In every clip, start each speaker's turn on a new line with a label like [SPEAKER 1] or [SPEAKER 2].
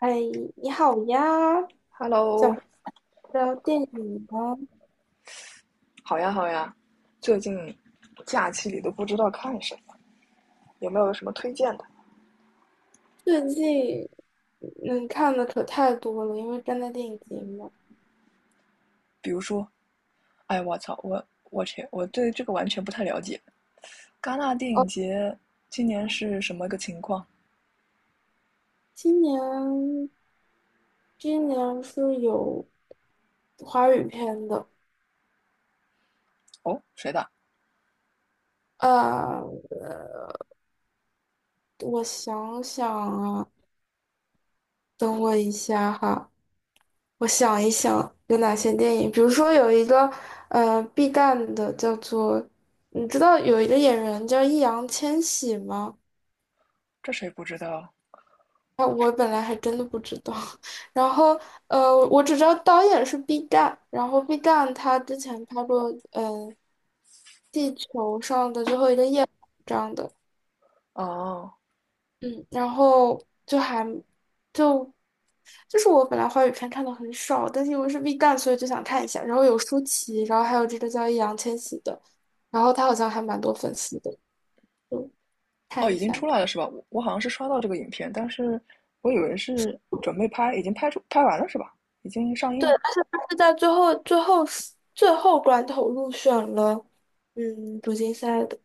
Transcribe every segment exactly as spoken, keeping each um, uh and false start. [SPEAKER 1] 哎，你好呀，想
[SPEAKER 2] Hello，
[SPEAKER 1] 聊聊电影吗？
[SPEAKER 2] 好呀好呀，最近假期里都不知道看什么，有没有什么推荐的？
[SPEAKER 1] 最近能看的可太多了，因为正在电影节嘛。
[SPEAKER 2] 比如说，哎，我操，我我去，我对这个完全不太了解。戛纳电影
[SPEAKER 1] 哦，
[SPEAKER 2] 节今年是什么个情况？
[SPEAKER 1] 今年今年是有华语片的。
[SPEAKER 2] 哦，谁的？
[SPEAKER 1] 呃，我想想啊，等我一下哈，我想一想有哪些电影。比如说有一个呃 B 站的叫做，你知道有一个演员叫易烊千玺吗？
[SPEAKER 2] 这谁不知道？
[SPEAKER 1] 啊，我本来还真的不知道。然后呃，我只知道导演是毕赣，然后毕赣他之前拍过嗯、呃地球上的最后一个夜晚这样的。
[SPEAKER 2] 哦
[SPEAKER 1] 嗯，然后就还就就是我本来华语片看的很少，但是因为是毕赣，所以就想看一下，然后有舒淇，然后还有这个叫易烊千玺的，然后他好像还蛮多粉丝的，就
[SPEAKER 2] 哦，
[SPEAKER 1] 看一
[SPEAKER 2] 已经
[SPEAKER 1] 下。
[SPEAKER 2] 出来了是吧？我我好像是刷到这个影片，但是我以为是准备拍，已经拍出拍完了是吧？已经上映
[SPEAKER 1] 对，
[SPEAKER 2] 了。
[SPEAKER 1] 而且他是在最后最后最后关头入选了，嗯，主竞赛的。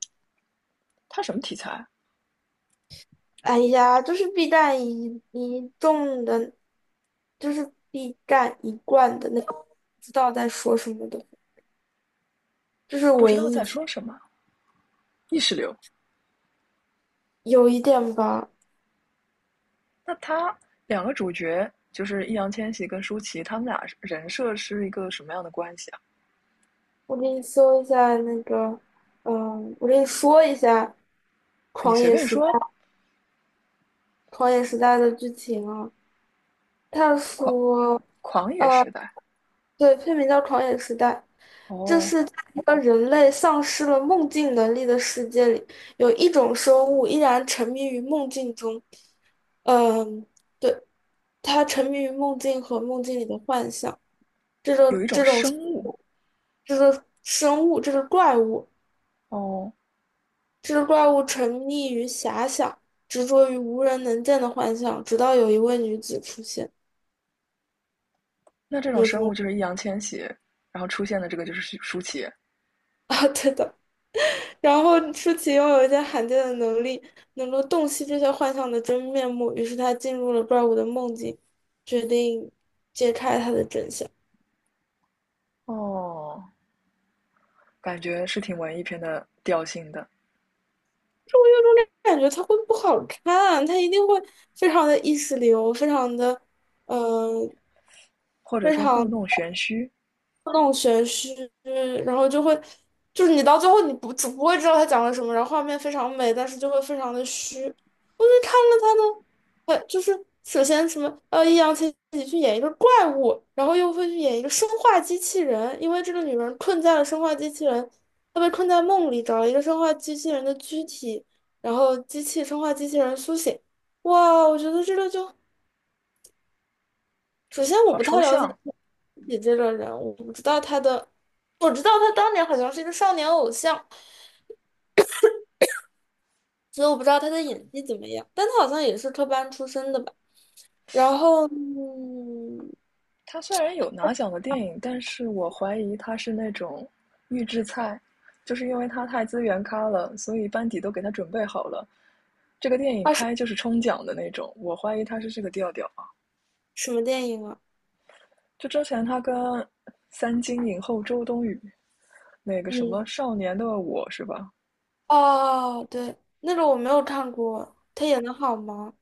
[SPEAKER 2] 它什么题材？
[SPEAKER 1] 哎呀，就是必战一一众的，就是必战一贯的那种，不知道在说什么的，就是
[SPEAKER 2] 不知
[SPEAKER 1] 文
[SPEAKER 2] 道
[SPEAKER 1] 艺
[SPEAKER 2] 在
[SPEAKER 1] 青，
[SPEAKER 2] 说什么，意识流。
[SPEAKER 1] 有一点吧。
[SPEAKER 2] 那他两个主角就是易烊千玺跟舒淇，他们俩人设是一个什么样的关系啊？
[SPEAKER 1] 我给你搜一下那个，嗯，我给你说一下
[SPEAKER 2] 你
[SPEAKER 1] 《狂
[SPEAKER 2] 随
[SPEAKER 1] 野
[SPEAKER 2] 便
[SPEAKER 1] 时代》
[SPEAKER 2] 说，
[SPEAKER 1] 《狂野时代》的剧情啊。他
[SPEAKER 2] 狂
[SPEAKER 1] 说。
[SPEAKER 2] 狂野时代
[SPEAKER 1] 对，片名叫《狂野时代》。这
[SPEAKER 2] 哦，
[SPEAKER 1] 是在一个人类丧失了梦境能力的世界里，有一种生物依然沉迷于梦境中。嗯，对，它沉迷于梦境和梦境里的幻想。这种
[SPEAKER 2] 有一种
[SPEAKER 1] 这种
[SPEAKER 2] 生物
[SPEAKER 1] 这个生物，这个怪物，
[SPEAKER 2] 哦，
[SPEAKER 1] 这个怪物沉溺于遐想，执着于无人能见的幻象，直到有一位女子出现。
[SPEAKER 2] 那这种
[SPEAKER 1] 有什
[SPEAKER 2] 生物
[SPEAKER 1] 么
[SPEAKER 2] 就是易烊千玺，然后出现的这个就是舒淇
[SPEAKER 1] 啊，对的。然后舒淇拥有一些罕见的能力，能够洞悉这些幻象的真面目。于是她进入了怪物的梦境，决定揭开它的真相。
[SPEAKER 2] 哦，感觉是挺文艺片的调性的，
[SPEAKER 1] 感觉它会不好看，它一定会非常的意识流，非常的，嗯，
[SPEAKER 2] 或者
[SPEAKER 1] 非
[SPEAKER 2] 说故
[SPEAKER 1] 常。
[SPEAKER 2] 弄玄虚，
[SPEAKER 1] 那种玄虚，然后就会，就是你到最后你不只不会知道他讲了什么，然后画面非常美，但是就会非常的虚。我就看了他的，呃，就是首先什么，呃，易烊千玺去演一个怪物，然后又会去演一个生化机器人，因为这个女人困在了生化机器人，她被困在梦里，找了一个生化机器人的躯体，然后机器生化机器人苏醒。哇，我觉得这个就，首先我
[SPEAKER 2] 好
[SPEAKER 1] 不太
[SPEAKER 2] 抽
[SPEAKER 1] 了解
[SPEAKER 2] 象，
[SPEAKER 1] 你这个人，物。我知道他当年好像是一个少年偶像，所以我不知道他的演技怎么样，但他好像也是科班出身的吧。然后，嗯，
[SPEAKER 2] 他虽然有拿奖的电影，但是我怀疑他是那种预制菜，就是因为他太资源咖了，所以班底都给他准备好了。这个电影
[SPEAKER 1] 啊，是
[SPEAKER 2] 拍就是冲奖的那种，我怀疑他是这个调调啊。
[SPEAKER 1] 什么电影啊？
[SPEAKER 2] 就之前他跟三金影后周冬雨那个什么
[SPEAKER 1] 嗯，
[SPEAKER 2] 《少年的我》是吧？
[SPEAKER 1] 哦，对，那个我没有看过，他演的好吗？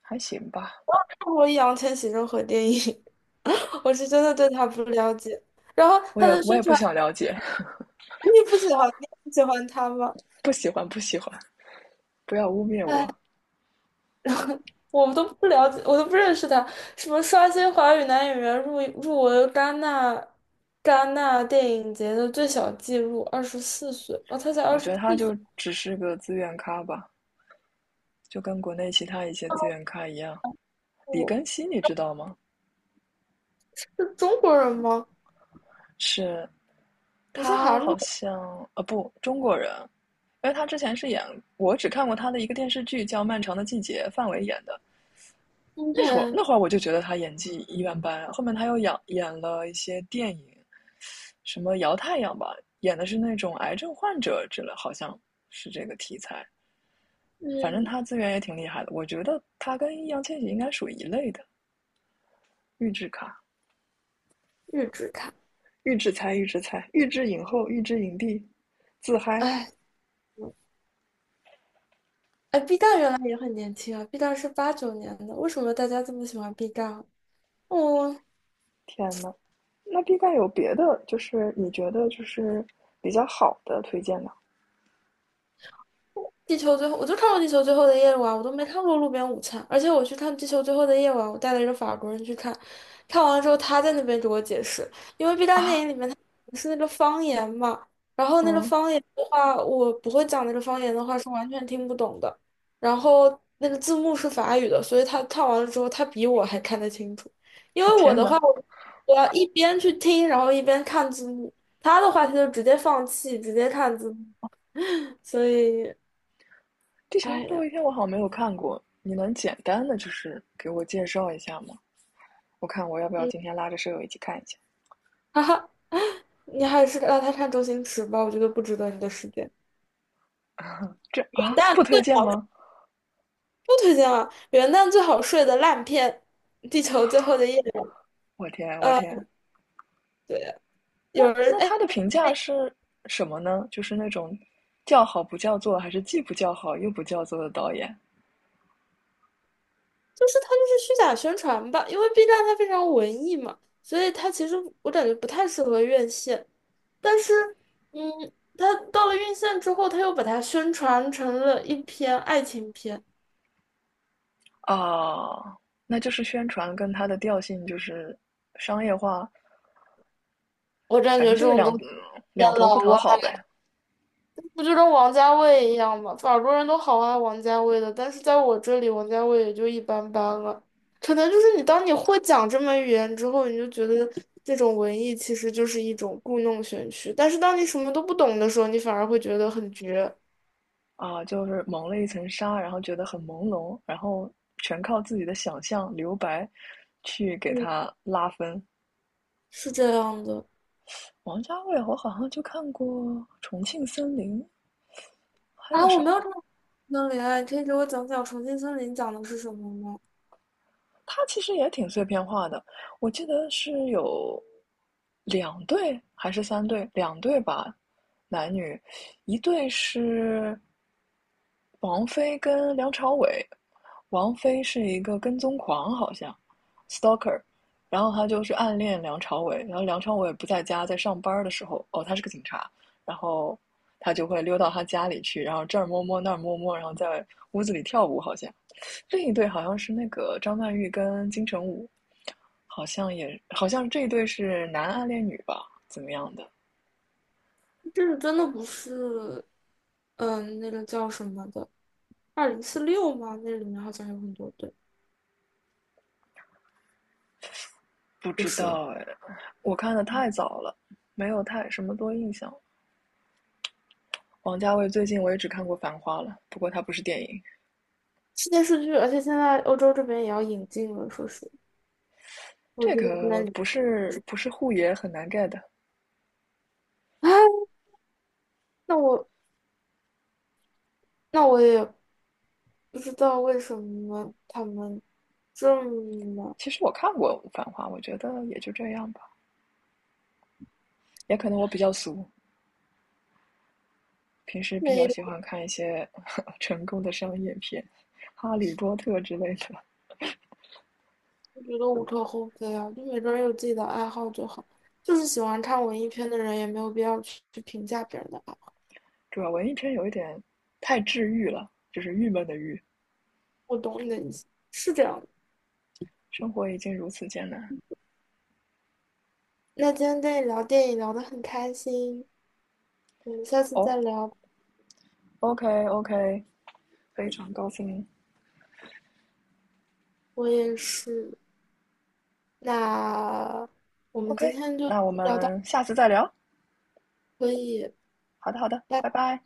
[SPEAKER 2] 还行吧，
[SPEAKER 1] 看过易烊千玺任何电影，我是真的对他不了解。然后
[SPEAKER 2] 我
[SPEAKER 1] 他
[SPEAKER 2] 也
[SPEAKER 1] 的
[SPEAKER 2] 我
[SPEAKER 1] 宣
[SPEAKER 2] 也不
[SPEAKER 1] 传，
[SPEAKER 2] 想了解，
[SPEAKER 1] 你不喜欢，你不喜欢他吗？
[SPEAKER 2] 不喜欢不喜欢，不要污蔑我。
[SPEAKER 1] 我们都不了解，我都不认识他。什么刷新华语男演员入入围戛纳戛纳电影节的最小纪录，二十四岁啊，他才
[SPEAKER 2] 我
[SPEAKER 1] 二十
[SPEAKER 2] 觉得他
[SPEAKER 1] 四
[SPEAKER 2] 就
[SPEAKER 1] 岁。
[SPEAKER 2] 只是个资源咖吧，就跟国内其他一些资源咖一样。李
[SPEAKER 1] 哦，
[SPEAKER 2] 庚希，你知道吗？
[SPEAKER 1] 是中国人吗？
[SPEAKER 2] 是
[SPEAKER 1] 不是
[SPEAKER 2] 他
[SPEAKER 1] 韩
[SPEAKER 2] 好
[SPEAKER 1] 国
[SPEAKER 2] 像呃不中国人，因为他之前是演我只看过他的一个电视剧叫《漫长的季节》，范伟演的。
[SPEAKER 1] 人
[SPEAKER 2] 那会儿
[SPEAKER 1] ，OK,
[SPEAKER 2] 那会儿我就觉得他演技一般般，后面他又演演了一些电影，什么《摇太阳》吧，演的是那种癌症患者之类，好像是这个题材。反正
[SPEAKER 1] 嗯，
[SPEAKER 2] 他资源也挺厉害的，我觉得他跟易烊千玺应该属于一类的，预制卡、
[SPEAKER 1] 日职看。
[SPEAKER 2] 预制才、预制菜、预制影后、预制影帝，自嗨。
[SPEAKER 1] 哎，哎，B 站原来也很年轻啊，B 站是八九年的，为什么大家这么喜欢 B 站啊？哦
[SPEAKER 2] 天呐，那 B 站有别的，就是你觉得就是比较好的推荐吗？
[SPEAKER 1] 地球最后，我就看过《地球最后的夜晚》，我都没看过《路边午餐》。而且我去看《地球最后的夜晚》，我带了一个法国人去看，看完了之后他在那边给我解释，因为 B 站电
[SPEAKER 2] 啊，
[SPEAKER 1] 影里面他是那个方言嘛，然后那个
[SPEAKER 2] 嗯，
[SPEAKER 1] 方言的话，我不会讲那个方言的话是完全听不懂的，然后那个字幕是法语的，所以他看完了之后，他比我还看得清楚。因 为我
[SPEAKER 2] 天
[SPEAKER 1] 的话，
[SPEAKER 2] 呐，
[SPEAKER 1] 我我要一边去听，然后一边看字幕，他的话他就直接放弃，直接看字幕。所以，
[SPEAKER 2] 地球
[SPEAKER 1] 哎
[SPEAKER 2] 最后
[SPEAKER 1] 呀。
[SPEAKER 2] 一天我好像没有看过，你能简单的就是给我介绍一下吗？我看我要不要
[SPEAKER 1] 嗯。
[SPEAKER 2] 今天拉着舍友一起看一下？
[SPEAKER 1] 哈哈，你还是让他看周星驰吧，我觉得不值得你的时间。元
[SPEAKER 2] 这啊，
[SPEAKER 1] 旦
[SPEAKER 2] 不
[SPEAKER 1] 最
[SPEAKER 2] 推荐
[SPEAKER 1] 好
[SPEAKER 2] 吗？
[SPEAKER 1] 不推荐了，元旦最好睡的烂片，《地球最后的夜》。
[SPEAKER 2] 我天，我
[SPEAKER 1] 呃，
[SPEAKER 2] 天，
[SPEAKER 1] 对，
[SPEAKER 2] 那
[SPEAKER 1] 有人
[SPEAKER 2] 那
[SPEAKER 1] 哎，
[SPEAKER 2] 他的评价
[SPEAKER 1] 哎
[SPEAKER 2] 是什么呢？就是那种叫好不叫座，还是既不叫好又不叫座的导演
[SPEAKER 1] 就是他就是虚假宣传吧。因为 B 站它非常文艺嘛，所以它其实我感觉不太适合院线。但是，嗯，它到了院线之后，它又把它宣传成了一篇爱情片，
[SPEAKER 2] 啊？那就是宣传跟他的调性就是商业化
[SPEAKER 1] 我感
[SPEAKER 2] 反
[SPEAKER 1] 觉
[SPEAKER 2] 正
[SPEAKER 1] 这
[SPEAKER 2] 就是
[SPEAKER 1] 种
[SPEAKER 2] 两
[SPEAKER 1] 东西。
[SPEAKER 2] 嗯
[SPEAKER 1] 天
[SPEAKER 2] 两
[SPEAKER 1] 呐，
[SPEAKER 2] 头不讨好呗。
[SPEAKER 1] 不就跟王家卫一样吗？法国人都好爱王家卫的，但是在我这里，王家卫也就一般般了。可能就是你当你会讲这门语言之后，你就觉得这种文艺其实就是一种故弄玄虚。但是当你什么都不懂的时候，你反而会觉得很绝。
[SPEAKER 2] 啊，就是蒙了一层纱，然后觉得很朦胧，然后全靠自己的想象留白去给
[SPEAKER 1] 嗯，
[SPEAKER 2] 他拉分。
[SPEAKER 1] 是这样的。
[SPEAKER 2] 王家卫，我好像就看过《重庆森林》，还
[SPEAKER 1] 啊，
[SPEAKER 2] 有
[SPEAKER 1] 我
[SPEAKER 2] 什
[SPEAKER 1] 没
[SPEAKER 2] 么？
[SPEAKER 1] 有看过《重庆森林》啊，你可以给我讲讲《重庆森林》讲的是什么吗？
[SPEAKER 2] 他其实也挺碎片化的，我记得是有两对还是三对？两对吧，男女，一对是王菲跟梁朝伟，王菲是一个跟踪狂，好像，stalker，然后她就是暗恋梁朝伟，然后梁朝伟不在家，在上班的时候，哦，他是个警察，然后他就会溜到他家里去，然后这儿摸摸那儿摸摸，然后在屋子里跳舞，好像。另一对好像是那个张曼玉跟金城武，好像也好像这一对是男暗恋女吧，怎么样的？
[SPEAKER 1] 这个真的不是，嗯，那个叫什么的，二零四六吗？那里面好像有很多对，
[SPEAKER 2] 不
[SPEAKER 1] 不
[SPEAKER 2] 知
[SPEAKER 1] 是啊。
[SPEAKER 2] 道哎，我看的太早了，没有太什么多印象。王家卫最近我也只看过《繁花》了，不过它不是电影，
[SPEAKER 1] 是电视剧，而且现在欧洲这边也要引进了，说是我
[SPEAKER 2] 这
[SPEAKER 1] 觉得不
[SPEAKER 2] 个
[SPEAKER 1] 能理。
[SPEAKER 2] 不是不是护爷很难 get 的。
[SPEAKER 1] 哎，那我那我也不知道为什么他们这么
[SPEAKER 2] 其实我看过《繁花》，我觉得也就这样吧，也可能我比较俗，平时比
[SPEAKER 1] 没
[SPEAKER 2] 较
[SPEAKER 1] 有。
[SPEAKER 2] 喜欢看一些 呵呵成功的商业片，《哈利波特》之类的。
[SPEAKER 1] 我觉得无可厚非啊，就每个人有自己的爱好就好。就是喜欢看文艺片的人，也没有必要去去评价别人的爱。
[SPEAKER 2] 主要文艺片有一点太治愈了，就是郁闷的郁，
[SPEAKER 1] 我懂你的意思，是这样的。
[SPEAKER 2] 生活已经如此艰难。
[SPEAKER 1] 那今天跟你聊电影聊得很开心，我们下次
[SPEAKER 2] 哦
[SPEAKER 1] 再聊。
[SPEAKER 2] ，OK OK，非常高兴。
[SPEAKER 1] 我也是。那我们今
[SPEAKER 2] OK，
[SPEAKER 1] 天就
[SPEAKER 2] 那我
[SPEAKER 1] 聊到
[SPEAKER 2] 们下次再聊。
[SPEAKER 1] 这里可以。
[SPEAKER 2] 好的好的，
[SPEAKER 1] 拜拜。
[SPEAKER 2] 拜拜。